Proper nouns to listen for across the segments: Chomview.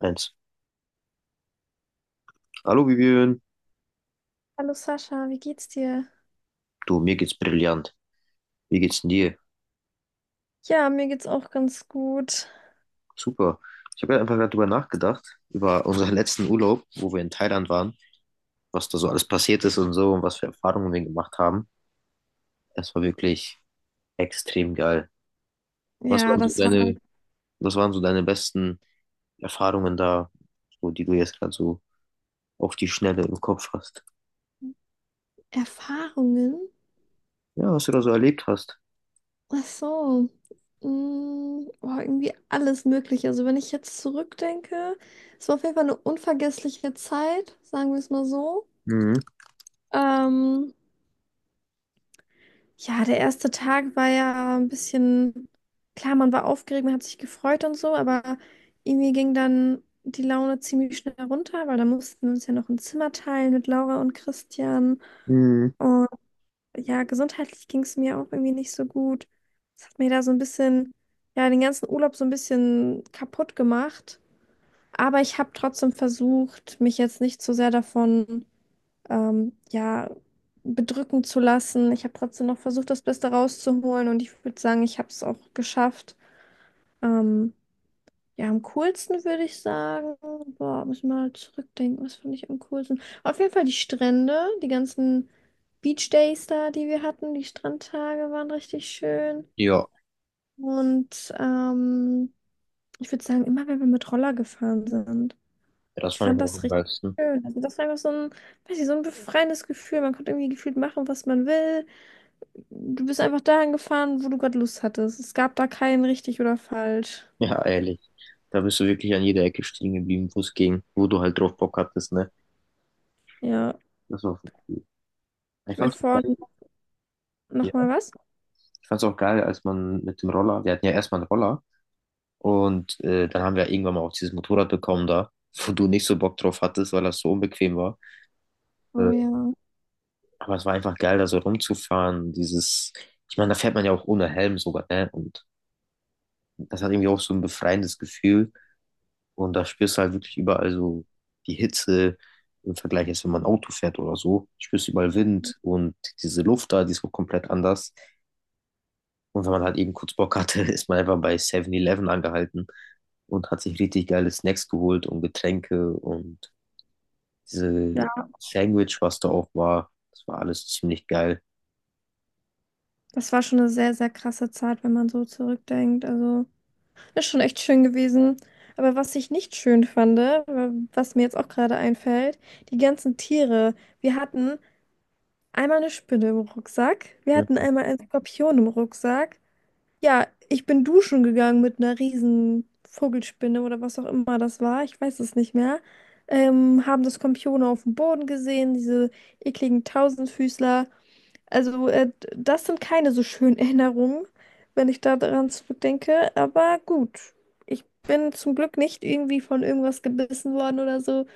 Eins. Hallo Vivian. Hallo Sascha, wie geht's dir? Du, mir geht's brillant. Wie geht's denn dir? Ja, mir geht's auch ganz gut. Super. Ich habe ja einfach gerade drüber nachgedacht, über unseren letzten Urlaub, wo wir in Thailand waren, was da so alles passiert ist und so und was für Erfahrungen wir gemacht haben. Das war wirklich extrem geil. Was Ja, waren so das waren deine, was waren so deine besten Erfahrungen da, so, die du jetzt gerade so auf die Schnelle im Kopf hast? Erfahrungen. Ja, was du da so erlebt hast. Ach so. Boah, irgendwie alles Mögliche. Also wenn ich jetzt zurückdenke, es war auf jeden Fall eine unvergessliche Zeit, sagen wir es mal so. Mhm. Ähm, Ja, der erste Tag war ja ein bisschen, klar, man war aufgeregt, man hat sich gefreut und so, aber irgendwie ging dann die Laune ziemlich schnell runter, weil da mussten wir uns ja noch ein Zimmer teilen mit Laura und Christian. Mhm. Und ja, gesundheitlich ging es mir auch irgendwie nicht so gut. Das hat mir da so ein bisschen, ja, den ganzen Urlaub so ein bisschen kaputt gemacht. Aber ich habe trotzdem versucht, mich jetzt nicht zu sehr davon ja, bedrücken zu lassen. Ich habe trotzdem noch versucht, das Beste rauszuholen und ich würde sagen, ich habe es auch geschafft. Ähm, ja, am coolsten würde ich sagen, boah, muss ich mal zurückdenken, was fand ich am coolsten? Auf jeden Fall die Strände, die ganzen Beach Days da, die wir hatten, die Strandtage waren richtig schön. Ja, Und ich würde sagen, immer wenn wir mit Roller gefahren sind. das Ich fand fand ich auch das am richtig geilsten. schön. Also das war einfach so ein, weiß ich, so ein befreiendes Gefühl. Man konnte irgendwie gefühlt machen, was man will. Du bist einfach dahin gefahren, wo du gerade Lust hattest. Es gab da kein richtig oder falsch. Ja, ehrlich. Da bist du wirklich an jeder Ecke stehen geblieben, wo es ging, wo du halt drauf Bock hattest, ne? Ja. Das war schon cool. Ich Ich habe mir fand's auch geil, vorhin noch ja. mal was. Ich fand's auch geil, als man mit dem Roller, wir hatten ja erstmal einen Roller und dann haben wir irgendwann mal auch dieses Motorrad bekommen da, wo du nicht so Bock drauf hattest, weil das so unbequem war. Oh Äh, ja. aber es war einfach geil, da so rumzufahren, dieses, ich meine, da fährt man ja auch ohne Helm sogar, ne? Und das hat irgendwie auch so ein befreiendes Gefühl. Und da spürst du halt wirklich überall so die Hitze im Vergleich, als wenn man Auto fährt oder so. Spürst überall Wind und diese Luft da, die ist auch komplett anders. Und wenn man halt eben kurz Bock hatte, ist man einfach bei 7-Eleven angehalten und hat sich richtig geile Snacks geholt und Getränke und diese Ja. Sandwich, was da auch war. Das war alles ziemlich geil. Das war schon eine sehr, sehr krasse Zeit, wenn man so zurückdenkt. Also, ist schon echt schön gewesen. Aber was ich nicht schön fand, was mir jetzt auch gerade einfällt, die ganzen Tiere. Wir hatten einmal eine Spinne im Rucksack, wir hatten einmal einen Skorpion im Rucksack. Ja, ich bin duschen gegangen mit einer riesen Vogelspinne oder was auch immer das war. Ich weiß es nicht mehr. Haben das Skorpione auf dem Boden gesehen, diese ekligen Tausendfüßler. Also, das sind keine so schönen Erinnerungen, wenn ich da daran zurückdenke. Aber gut, ich bin zum Glück nicht irgendwie von irgendwas gebissen worden oder so.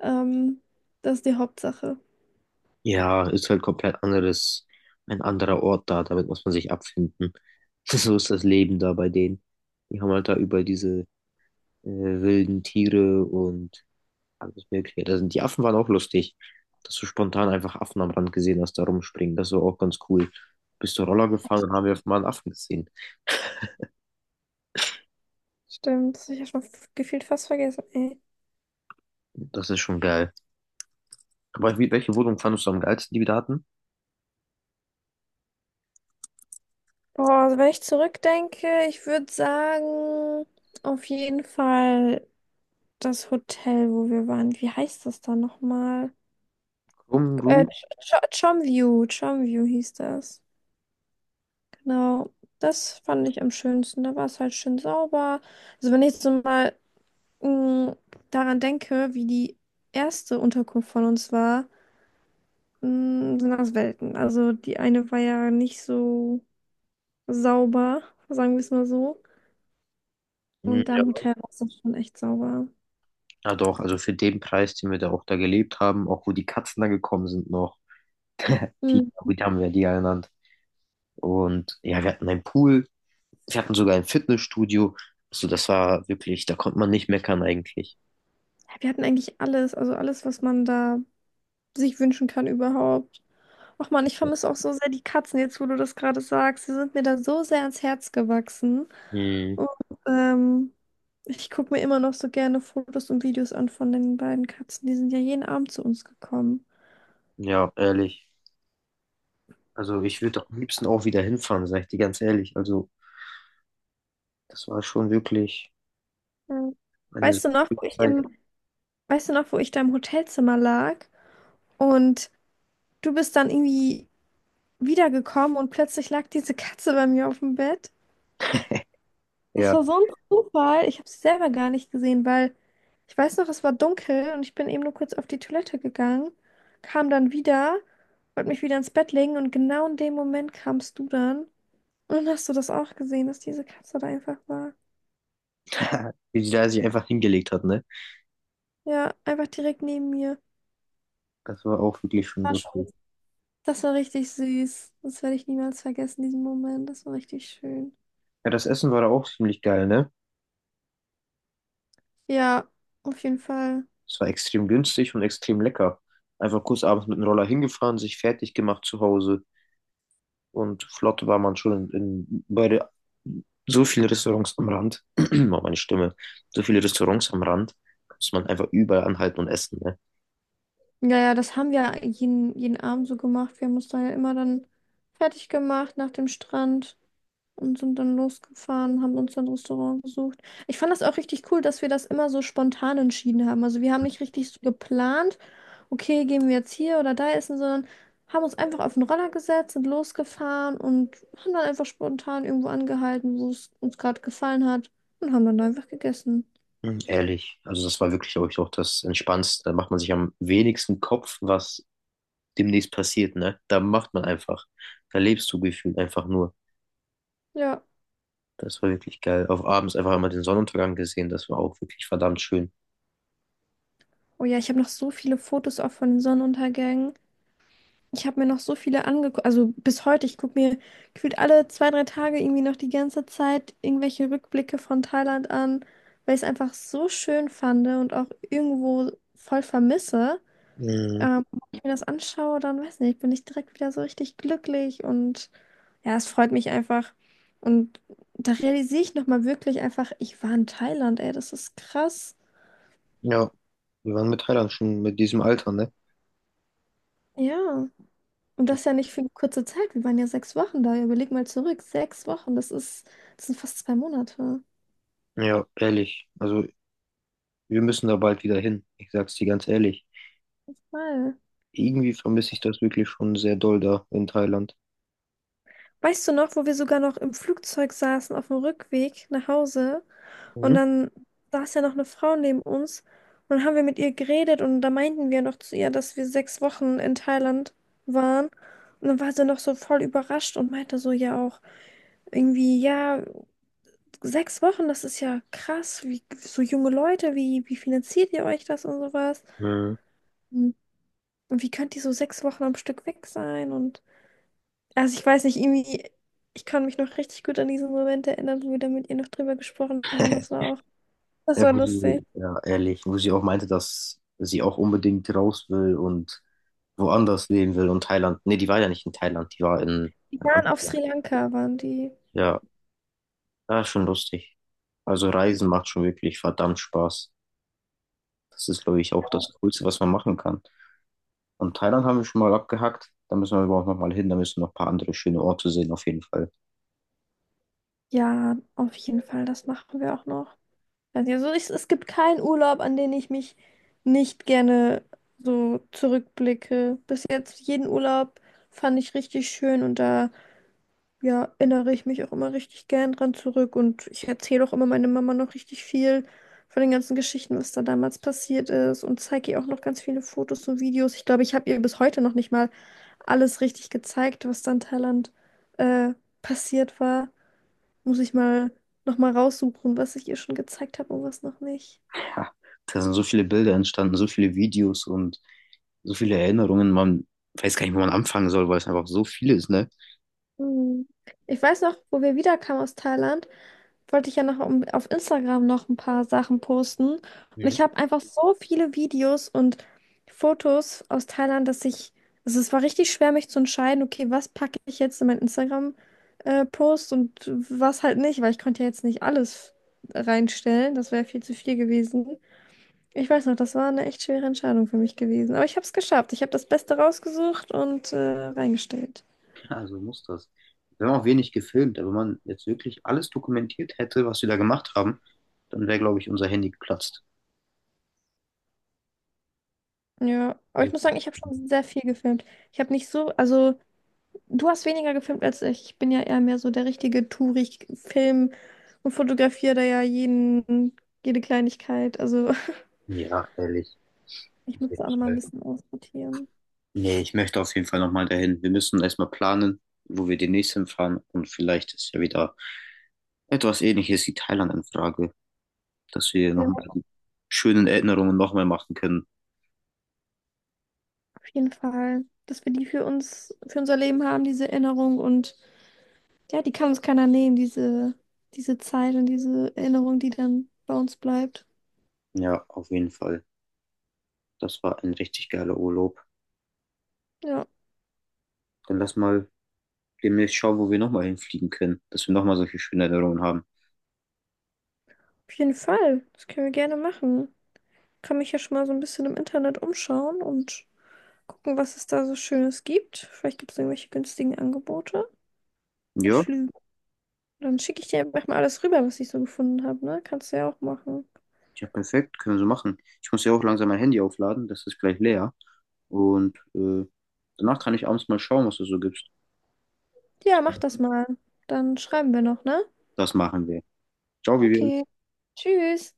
Ähm, das ist die Hauptsache. Ja, ist halt komplett anderes, ein anderer Ort da, damit muss man sich abfinden. So ist das Leben da bei denen. Die haben halt da über diese wilden Tiere und alles Mögliche. Das sind, die Affen waren auch lustig, dass du spontan einfach Affen am Rand gesehen hast, da rumspringen. Das war auch ganz cool. Bist du Roller gefahren und haben wir mal einen Affen gesehen. Stimmt, das hab ich ja schon gefühlt fast vergessen. Das ist schon geil. Aber wie, welche Wohnung fandest du am geilsten, die wir da hatten? Boah, also wenn ich zurückdenke, ich würde sagen, auf jeden Fall das Hotel, wo wir waren. Wie heißt das da nochmal? Krumm, Äh, grün? Ch Chomview, Chomview hieß das. Genau. Das fand ich am schönsten. Da war es halt schön sauber. Also wenn ich jetzt so mal mh, daran denke, wie die erste Unterkunft von uns war, sind das Welten. Also die eine war ja nicht so sauber, sagen wir es mal so. Hm, Und da ja. im Hotel war es dann schon echt sauber. Ja, doch, also für den Preis, den wir da auch da gelebt haben, auch wo die Katzen da gekommen sind noch. Die, Hm, wie haben wir die ja genannt. Und ja, wir hatten einen Pool, wir hatten sogar ein Fitnessstudio. Also das war wirklich, da konnte man nicht meckern eigentlich. Ja, Wir hatten eigentlich alles, also alles, was man da sich wünschen kann überhaupt. Och Mann, ich vermisse auch so sehr die Katzen jetzt, wo du das gerade sagst. Sie sind mir da so sehr ans Herz gewachsen. Mhm. Und ähm, ich gucke mir immer noch so gerne Fotos und Videos an von den beiden Katzen. Die sind ja jeden Abend zu uns gekommen. Ja, ehrlich. Also ich würde am liebsten auch wieder hinfahren, sag ich dir ganz ehrlich. Also das war schon wirklich Ja. eine so Weißt du noch, wo gute ich Zeit. im, weißt du noch, wo ich da im Hotelzimmer lag und du bist dann irgendwie wiedergekommen und plötzlich lag diese Katze bei mir auf dem Bett? Das Ja, war so ein Zufall. Ich habe sie selber gar nicht gesehen, weil ich weiß noch, es war dunkel und ich bin eben nur kurz auf die Toilette gegangen, kam dann wieder, wollte mich wieder ins Bett legen und genau in dem Moment kamst du dann. Und dann hast du das auch gesehen, dass diese Katze da einfach war. wie sie da sich einfach hingelegt hat, ne? Ja, einfach direkt neben mir. Das war auch wirklich schon War schon. lustig. Das war richtig süß. Das werde ich niemals vergessen, diesen Moment. Das war richtig schön. Ja, das Essen war da auch ziemlich geil, ne? Ja, auf jeden Fall. Es war extrem günstig und extrem lecker. Einfach kurz abends mit dem Roller hingefahren, sich fertig gemacht zu Hause und flott war man schon in bei der, so viele Restaurants am Rand. Oh, meine Stimme. So viele Restaurants am Rand, muss man einfach überall anhalten und essen, ne? Ja, ja, das haben wir jeden Abend so gemacht. Wir haben uns da ja immer dann fertig gemacht nach dem Strand und sind dann losgefahren, haben uns dann ein Restaurant gesucht. Ich fand das auch richtig cool, dass wir das immer so spontan entschieden haben. Also wir haben nicht richtig so geplant, okay, gehen wir jetzt hier oder da essen, sondern haben uns einfach auf den Roller gesetzt, sind losgefahren und haben dann einfach spontan irgendwo angehalten, wo es uns gerade gefallen hat und haben dann da einfach gegessen. Mhm, ehrlich, also das war wirklich, glaube ich, auch das Entspannendste. Da macht man sich am wenigsten Kopf, was demnächst passiert, ne? Da macht man einfach. Da lebst du gefühlt einfach nur. Ja. Das war wirklich geil. Auf abends einfach einmal den Sonnenuntergang gesehen. Das war auch wirklich verdammt schön. Oh ja, ich habe noch so viele Fotos auch von den Sonnenuntergängen. Ich habe mir noch so viele angeguckt, also bis heute, ich gucke mir gefühlt alle zwei, drei Tage irgendwie noch die ganze Zeit irgendwelche Rückblicke von Thailand an, weil ich es einfach so schön fand und auch irgendwo voll vermisse. Mhm. Wenn ich mir das anschaue, dann weiß nicht, bin ich direkt wieder so richtig glücklich und ja, es freut mich einfach. Und da realisiere ich nochmal wirklich einfach, ich war in Thailand, ey, das ist krass. Ja, wir waren mit Thailand schon mit diesem Alter, ne? Ja. Und das ja nicht für eine kurze Zeit. Wir waren ja sechs Wochen da. Überleg mal zurück. Sechs Wochen, das ist, das sind fast zwei Monate. Ja, ehrlich. Also wir müssen da bald wieder hin. Ich sag's dir ganz ehrlich. Mal. Irgendwie vermisse ich das wirklich schon sehr doll da in Thailand. Weißt du noch, wo wir sogar noch im Flugzeug saßen auf dem Rückweg nach Hause und Mhm. dann saß ja noch eine Frau neben uns und dann haben wir mit ihr geredet und da meinten wir noch zu ihr, dass wir sechs Wochen in Thailand waren und dann war sie noch so voll überrascht und meinte so ja auch irgendwie, ja, sechs Wochen, das ist ja krass, wie so junge Leute, wie finanziert ihr euch das und sowas? Mhm. Und wie könnt ihr so sechs Wochen am Stück weg sein? Und also ich weiß nicht, irgendwie, ich kann mich noch richtig gut an diesen Moment erinnern, wo wir da mit ihr noch drüber gesprochen haben. Das Ja, war wo lustig. sie- ja, ehrlich, wo sie auch meinte, dass sie auch unbedingt raus will und woanders leben will und Thailand. Nee, die war ja nicht in Thailand, die war Die in waren auf Amsterdam. Sri Lanka, waren die. Ja, ja, schon lustig. Also Reisen macht schon wirklich verdammt Spaß. Das ist, glaube ich, auch das Coolste, was man machen kann. Und Thailand haben wir schon mal abgehakt. Da müssen wir aber auch noch mal hin. Da müssen noch ein paar andere schöne Orte sehen, auf jeden Fall. Ja, auf jeden Fall, das machen wir auch noch. Also ja, so ist- es gibt keinen Urlaub, an den ich mich nicht gerne so zurückblicke. Bis jetzt jeden Urlaub fand ich richtig schön und da ja, erinnere ich mich auch immer richtig gern dran zurück und ich erzähle auch immer meiner Mama noch richtig viel von den ganzen Geschichten, was da damals passiert ist und zeige ihr auch noch ganz viele Fotos und Videos. Ich glaube, ich habe ihr bis heute noch nicht mal alles richtig gezeigt, was da in Thailand äh, passiert war. Muss ich mal noch mal raussuchen, was ich ihr schon gezeigt habe und was noch nicht. Ja, da sind so viele Bilder entstanden, so viele Videos und so viele Erinnerungen. Man weiß gar nicht, wo man anfangen soll, weil es einfach so viel ist, ne? Hm. Ich weiß noch, wo wir wiederkamen aus Thailand. Wollte ich ja noch auf Instagram noch ein paar Sachen posten. Und ich habe einfach so viele Videos und Fotos aus Thailand, dass ich, also es war richtig schwer, mich zu entscheiden, okay, was packe ich jetzt in meinen Instagram-Post und was halt nicht, weil ich konnte ja jetzt nicht alles reinstellen. Das wäre viel zu viel gewesen. Ich weiß noch, das war eine echt schwere Entscheidung für mich gewesen. Aber ich habe es geschafft. Ich habe das Beste rausgesucht und reingestellt. Also muss das. Wir haben auch wenig gefilmt, aber wenn man jetzt wirklich alles dokumentiert hätte, was wir da gemacht haben, dann wäre, glaube ich, unser Handy geplatzt. Ja, aber ich Also, muss sagen, ich habe schon sehr viel gefilmt. Ich habe nicht so, also. Du hast weniger gefilmt als ich. Ich bin ja eher mehr so der richtige Touri. Ich film und fotografiere da ja jede Kleinigkeit. Also ja, ehrlich. Auf ich muss jeden da auch nochmal ein Fall. bisschen aussortieren. Nee, ich möchte auf jeden Fall nochmal dahin. Wir müssen erstmal planen, wo wir demnächst hinfahren und vielleicht ist ja wieder etwas Ähnliches wie Thailand in Frage, dass wir Ja, nochmal die schönen Erinnerungen nochmal machen können. auf jeden Fall. Dass wir die für uns, für unser Leben haben, diese Erinnerung. Und ja, die kann uns keiner nehmen, diese Zeit und diese Erinnerung, die dann bei uns bleibt. Ja, auf jeden Fall. Das war ein richtig geiler Urlaub. Ja, Dann lass mal demnächst schauen, wo wir nochmal hinfliegen können, dass wir nochmal solche schönen Erinnerungen haben. auf jeden Fall. Das können wir gerne machen. Kann mich ja schon mal so ein bisschen im Internet umschauen und gucken, was es da so Schönes gibt. Vielleicht gibt es irgendwelche günstigen Angebote mit Ja, Flügen. Dann schicke ich dir einfach mal alles rüber, was ich so gefunden habe, ne? Kannst du ja auch machen. ja, perfekt, können wir so machen. Ich muss ja auch langsam mein Handy aufladen, das ist gleich leer. Und danach kann ich abends mal schauen, was du so gibst. Ja, mach das mal. Dann schreiben wir noch, ne? Das machen wir. Ciao, Vivian. Okay. Tschüss.